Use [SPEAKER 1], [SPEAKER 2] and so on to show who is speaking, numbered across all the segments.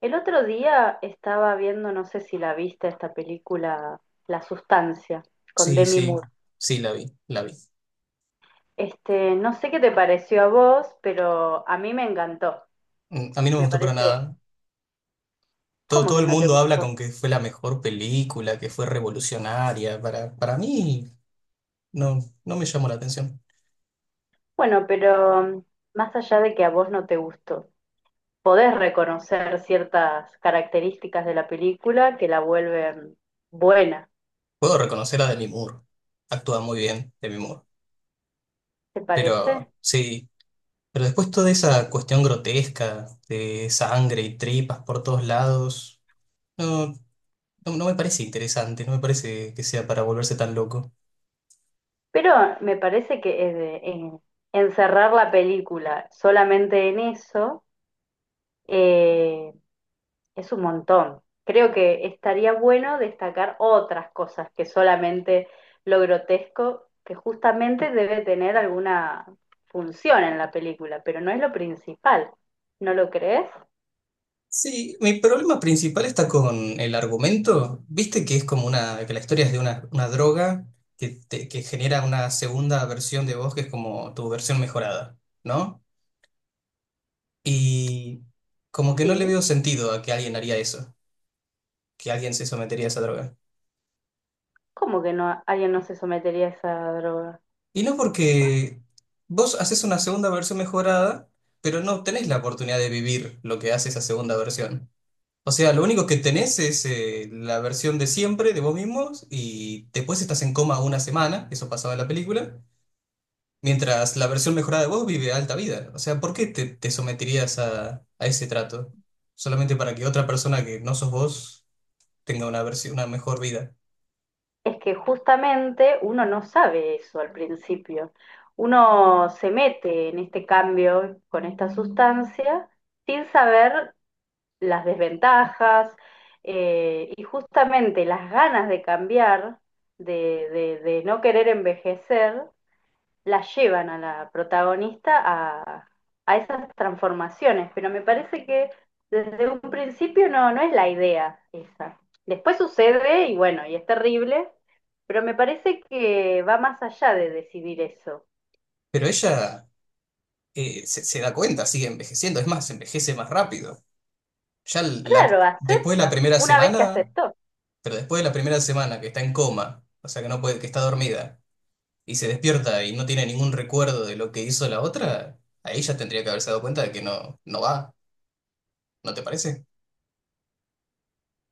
[SPEAKER 1] El otro día estaba viendo, no sé si la viste, esta película La Sustancia, con
[SPEAKER 2] Sí,
[SPEAKER 1] Demi
[SPEAKER 2] sí,
[SPEAKER 1] Moore.
[SPEAKER 2] sí, la vi, la vi.
[SPEAKER 1] Este, no sé qué te pareció a vos, pero a mí me encantó.
[SPEAKER 2] A mí no me
[SPEAKER 1] Me
[SPEAKER 2] gustó para
[SPEAKER 1] parece,
[SPEAKER 2] nada. Todo,
[SPEAKER 1] ¿cómo
[SPEAKER 2] todo
[SPEAKER 1] que
[SPEAKER 2] el
[SPEAKER 1] no te
[SPEAKER 2] mundo habla
[SPEAKER 1] gustó?
[SPEAKER 2] con que fue la mejor película, que fue revolucionaria. Para mí no, no me llamó la atención.
[SPEAKER 1] Bueno, pero más allá de que a vos no te gustó, podés reconocer ciertas características de la película que la vuelven buena,
[SPEAKER 2] Puedo reconocer a Demi Moore. Actúa muy bien Demi Moore.
[SPEAKER 1] ¿te parece?
[SPEAKER 2] Pero sí, pero después toda esa cuestión grotesca de sangre y tripas por todos lados, no, no, no me parece interesante, no me parece que sea para volverse tan loco.
[SPEAKER 1] Pero me parece que encerrar la película solamente en eso, eh, es un montón. Creo que estaría bueno destacar otras cosas que solamente lo grotesco, que justamente debe tener alguna función en la película, pero no es lo principal. ¿No lo crees?
[SPEAKER 2] Sí, mi problema principal está con el argumento. Viste que es como una, que la historia es de una droga que genera una segunda versión de vos que es como tu versión mejorada, ¿no? Y como que no le
[SPEAKER 1] Sí.
[SPEAKER 2] veo sentido a que alguien haría eso, que alguien se sometería a esa droga.
[SPEAKER 1] ¿Cómo que no alguien no se sometería a esa droga?
[SPEAKER 2] Y no porque vos haces una segunda versión mejorada, pero no tenés la oportunidad de vivir lo que hace esa segunda versión. O sea, lo único que tenés es la versión de siempre de vos mismos y después estás en coma una semana, eso pasaba en la película, mientras la versión mejorada de vos vive alta vida. O sea, ¿por qué te someterías a ese trato? Solamente para que otra persona que no sos vos tenga una versión, una mejor vida.
[SPEAKER 1] Es que justamente uno no sabe eso al principio. Uno se mete en este cambio con esta sustancia sin saber las desventajas y justamente las ganas de cambiar, de no querer envejecer, las llevan a la protagonista a esas transformaciones. Pero me parece que desde un principio no, no es la idea esa. Después sucede y bueno, y es terrible, pero me parece que va más allá de decidir eso.
[SPEAKER 2] Pero ella se da cuenta, sigue envejeciendo, es más, envejece más rápido. Ya la-
[SPEAKER 1] Claro,
[SPEAKER 2] después de la
[SPEAKER 1] acepta,
[SPEAKER 2] primera
[SPEAKER 1] una vez que
[SPEAKER 2] semana,
[SPEAKER 1] aceptó.
[SPEAKER 2] pero después de la primera semana que está en coma, o sea que no puede, que está dormida y se despierta y no tiene ningún recuerdo de lo que hizo la otra, ahí ya tendría que haberse dado cuenta de que no, no va, ¿no te parece?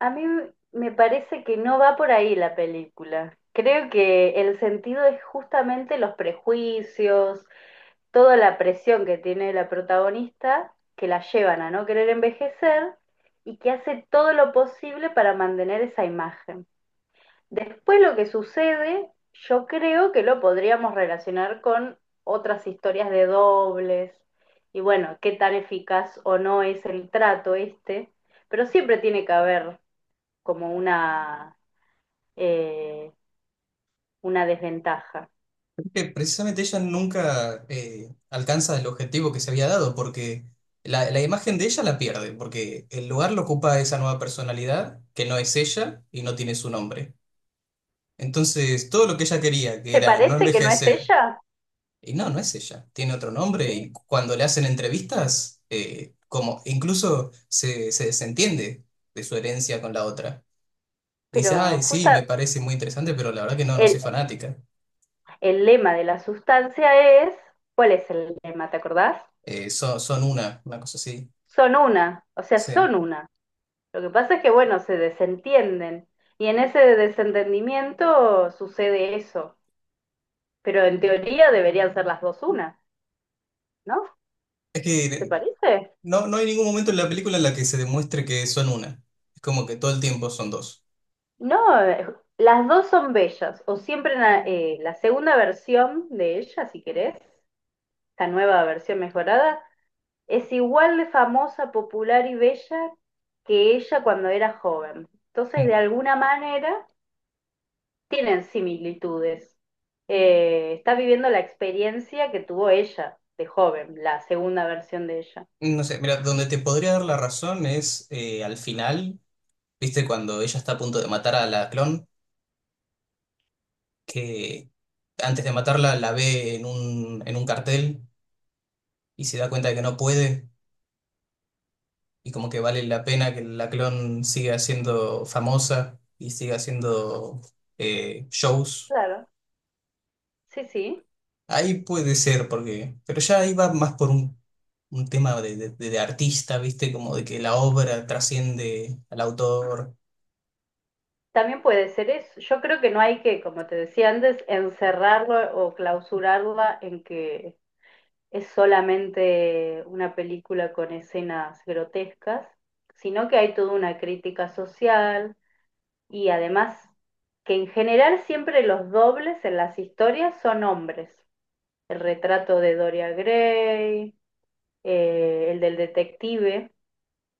[SPEAKER 1] A mí me parece que no va por ahí la película. Creo que el sentido es justamente los prejuicios, toda la presión que tiene la protagonista, que la llevan a no querer envejecer y que hace todo lo posible para mantener esa imagen. Después lo que sucede, yo creo que lo podríamos relacionar con otras historias de dobles y bueno, qué tan eficaz o no es el trato este, pero siempre tiene que haber como eh, una desventaja.
[SPEAKER 2] Que precisamente ella nunca alcanza el objetivo que se había dado, porque la imagen de ella la pierde, porque el lugar lo ocupa esa nueva personalidad que no es ella y no tiene su nombre. Entonces, todo lo que ella quería, que
[SPEAKER 1] ¿Te
[SPEAKER 2] era no
[SPEAKER 1] parece que no es
[SPEAKER 2] envejecer,
[SPEAKER 1] ella?
[SPEAKER 2] y no, no es ella, tiene otro nombre
[SPEAKER 1] Sí,
[SPEAKER 2] y cuando le hacen entrevistas, como incluso se desentiende de su herencia con la otra. Dice, ay,
[SPEAKER 1] pero
[SPEAKER 2] sí,
[SPEAKER 1] justa
[SPEAKER 2] me parece muy interesante, pero la verdad que no, no soy
[SPEAKER 1] el,
[SPEAKER 2] fanática.
[SPEAKER 1] el lema de la sustancia es, ¿cuál es el lema? ¿Te acordás?
[SPEAKER 2] Son una cosa así.
[SPEAKER 1] Son una, o sea,
[SPEAKER 2] Sí.
[SPEAKER 1] son una. Lo que pasa es que, bueno, se desentienden y en ese desentendimiento sucede eso. Pero en teoría deberían ser las dos una, ¿no?
[SPEAKER 2] Es que
[SPEAKER 1] ¿Te parece?
[SPEAKER 2] no, no hay ningún momento en la película en la que se demuestre que son una. Es como que todo el tiempo son dos.
[SPEAKER 1] No, las dos son bellas, o siempre en la, la segunda versión de ella, si querés, esta nueva versión mejorada, es igual de famosa, popular y bella que ella cuando era joven. Entonces,
[SPEAKER 2] Mm.
[SPEAKER 1] de alguna manera, tienen similitudes. Está viviendo la experiencia que tuvo ella de joven, la segunda versión de ella.
[SPEAKER 2] No sé, mira, donde
[SPEAKER 1] Y,
[SPEAKER 2] te podría dar la razón es al final, viste, cuando ella está a punto de matar a la clon, que antes de matarla la ve en un cartel y se da cuenta de que no puede y como que vale la pena que la clon siga siendo famosa y siga haciendo shows.
[SPEAKER 1] claro, sí, sí.
[SPEAKER 2] Ahí puede ser, porque, pero ya ahí va más por un tema de artista, ¿viste? Como de que la obra trasciende al autor.
[SPEAKER 1] También puede ser eso. Yo creo que no hay que, como te decía antes, encerrarlo o clausurarla en que es solamente una película con escenas grotescas, sino que hay toda una crítica social y además que en general siempre los dobles en las historias son hombres. El retrato de Doria Gray, el del detective,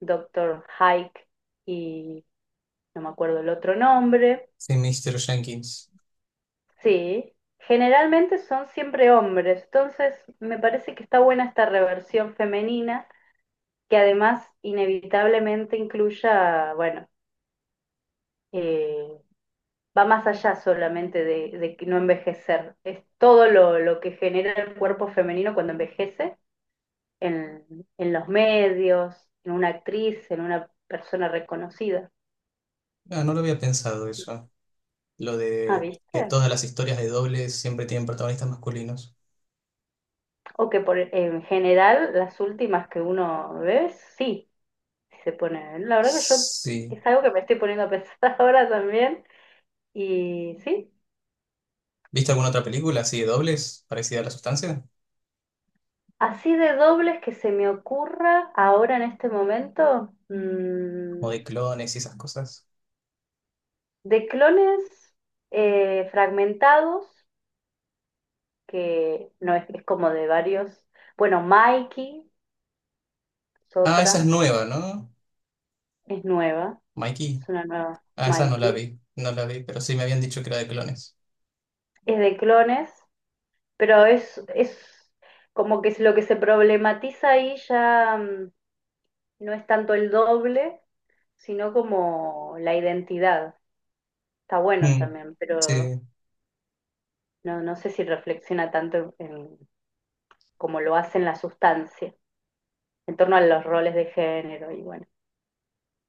[SPEAKER 1] Doctor Hike y no me acuerdo el otro nombre.
[SPEAKER 2] Sí, Mr. Jenkins.
[SPEAKER 1] Sí, generalmente son siempre hombres, entonces me parece que está buena esta reversión femenina que además inevitablemente incluya, bueno, eh, va más allá solamente de que no envejecer, es todo lo que genera el cuerpo femenino cuando envejece en, en los medios, en una actriz, en una persona reconocida.
[SPEAKER 2] Ah, no lo había pensado eso. Lo
[SPEAKER 1] Ah,
[SPEAKER 2] de que
[SPEAKER 1] ¿viste?
[SPEAKER 2] todas las historias de dobles siempre tienen protagonistas masculinos.
[SPEAKER 1] O que por, en general las últimas que uno ve, sí, se pone. La verdad que yo
[SPEAKER 2] Sí.
[SPEAKER 1] es algo que me estoy poniendo a pensar ahora también. Y sí,
[SPEAKER 2] ¿Viste alguna otra película así de dobles, parecida a La Sustancia?
[SPEAKER 1] así de dobles que se me ocurra ahora en este momento,
[SPEAKER 2] Como de clones y esas cosas.
[SPEAKER 1] de clones fragmentados, que no es, es como de varios. Bueno, Mikey es
[SPEAKER 2] Ah, esa es
[SPEAKER 1] otra,
[SPEAKER 2] nueva, ¿no?
[SPEAKER 1] es nueva,
[SPEAKER 2] Mikey.
[SPEAKER 1] es una nueva
[SPEAKER 2] Ah, esa no la
[SPEAKER 1] Mikey.
[SPEAKER 2] vi, no la vi, pero sí me habían dicho que era de clones.
[SPEAKER 1] Es de clones, pero es como que es lo que se problematiza ahí ya no es tanto el doble, sino como la identidad. Está bueno
[SPEAKER 2] Mm,
[SPEAKER 1] también, pero
[SPEAKER 2] sí,
[SPEAKER 1] no, no sé si reflexiona tanto en, como lo hace en la sustancia, en torno a los roles de género y bueno.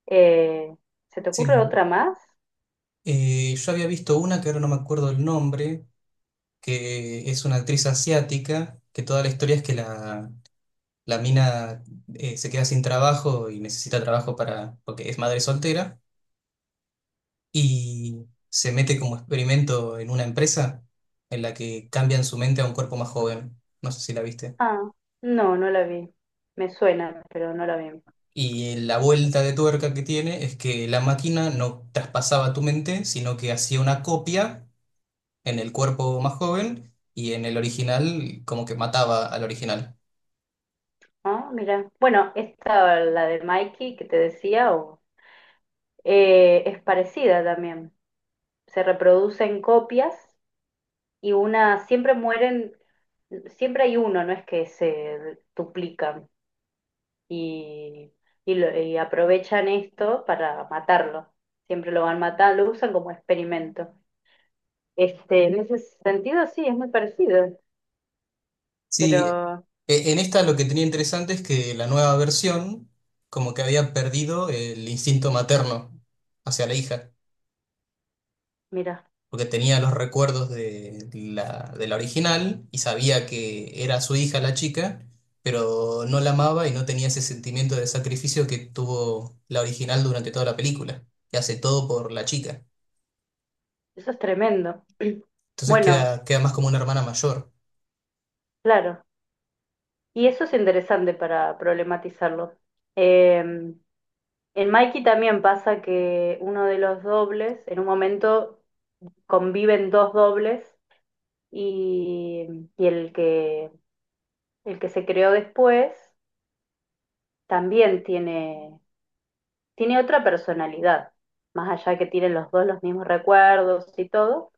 [SPEAKER 1] Eh, ¿Se te ocurre
[SPEAKER 2] sí.
[SPEAKER 1] otra más?
[SPEAKER 2] Yo había visto una que ahora no me acuerdo el nombre, que es una actriz asiática, que toda la historia es que la mina se queda sin trabajo y necesita trabajo para, porque es madre soltera, y se mete como experimento en una empresa en la que cambian su mente a un cuerpo más joven. No sé si la viste.
[SPEAKER 1] Ah, no, no la vi. Me suena, pero no la vi.
[SPEAKER 2] Y la vuelta de tuerca que tiene es que la máquina no traspasaba tu mente, sino que hacía una copia en el cuerpo más joven y en el original como que mataba al original.
[SPEAKER 1] Ah, mira. Bueno, esta, la de Mikey que te decía, es parecida también. Se reproducen copias y una, siempre mueren, siempre hay uno, no es que se duplican. Y, y aprovechan esto para matarlo. Siempre lo van matando, lo usan como experimento. Este, en ese sentido sí, es muy parecido,
[SPEAKER 2] Sí,
[SPEAKER 1] pero
[SPEAKER 2] e- en esta lo que tenía interesante es que la nueva versión como que había perdido el instinto materno hacia la hija,
[SPEAKER 1] mira,
[SPEAKER 2] porque tenía los recuerdos de la original y sabía que era su hija la chica, pero no la amaba y no tenía ese sentimiento de sacrificio que tuvo la original durante toda la película, que hace todo por la chica.
[SPEAKER 1] eso es tremendo.
[SPEAKER 2] Entonces
[SPEAKER 1] Bueno,
[SPEAKER 2] queda más como una hermana mayor.
[SPEAKER 1] claro, y eso es interesante para problematizarlo. Eh, en Mikey también pasa que uno de los dobles, en un momento conviven dos dobles y, y el que, el que se creó después también tiene, tiene otra personalidad, más allá que tienen los dos los mismos recuerdos y todo,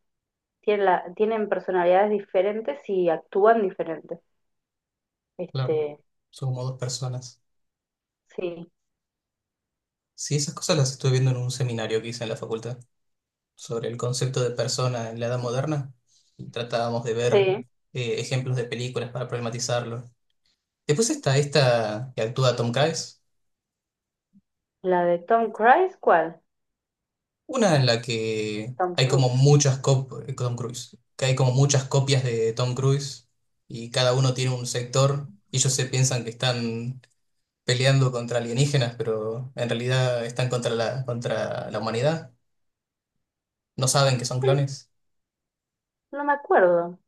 [SPEAKER 1] tienen personalidades diferentes y actúan diferentes.
[SPEAKER 2] Claro,
[SPEAKER 1] Este,
[SPEAKER 2] son como dos personas.
[SPEAKER 1] sí,
[SPEAKER 2] Sí, esas cosas las estuve viendo en un seminario que hice en la facultad sobre el concepto de persona en la edad moderna. Y tratábamos de ver
[SPEAKER 1] sí.
[SPEAKER 2] ejemplos de películas para problematizarlo. Después está esta que actúa Tom Cruise,
[SPEAKER 1] La de Tom Cruise, ¿cuál?
[SPEAKER 2] una en la que
[SPEAKER 1] Tom
[SPEAKER 2] hay como
[SPEAKER 1] Cruise.
[SPEAKER 2] muchas copias, Tom Cruise, que hay como muchas copias de Tom Cruise, y cada uno tiene un sector y ellos se piensan que están peleando contra alienígenas, pero en realidad están contra la humanidad. No saben que son
[SPEAKER 1] No,
[SPEAKER 2] clones.
[SPEAKER 1] no me acuerdo.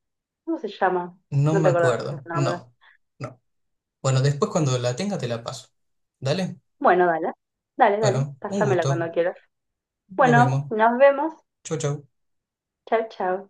[SPEAKER 1] ¿Cómo se llama?
[SPEAKER 2] No
[SPEAKER 1] No te
[SPEAKER 2] me
[SPEAKER 1] acuerdas
[SPEAKER 2] acuerdo.
[SPEAKER 1] el nombre.
[SPEAKER 2] No, no. Bueno, después cuando la tenga te la paso. Dale.
[SPEAKER 1] Bueno, dale. Dale, dale.
[SPEAKER 2] Bueno, un
[SPEAKER 1] Pásamela
[SPEAKER 2] gusto.
[SPEAKER 1] cuando quieras.
[SPEAKER 2] Nos
[SPEAKER 1] Bueno,
[SPEAKER 2] vemos.
[SPEAKER 1] nos vemos.
[SPEAKER 2] Chau, chau.
[SPEAKER 1] Chao, chao.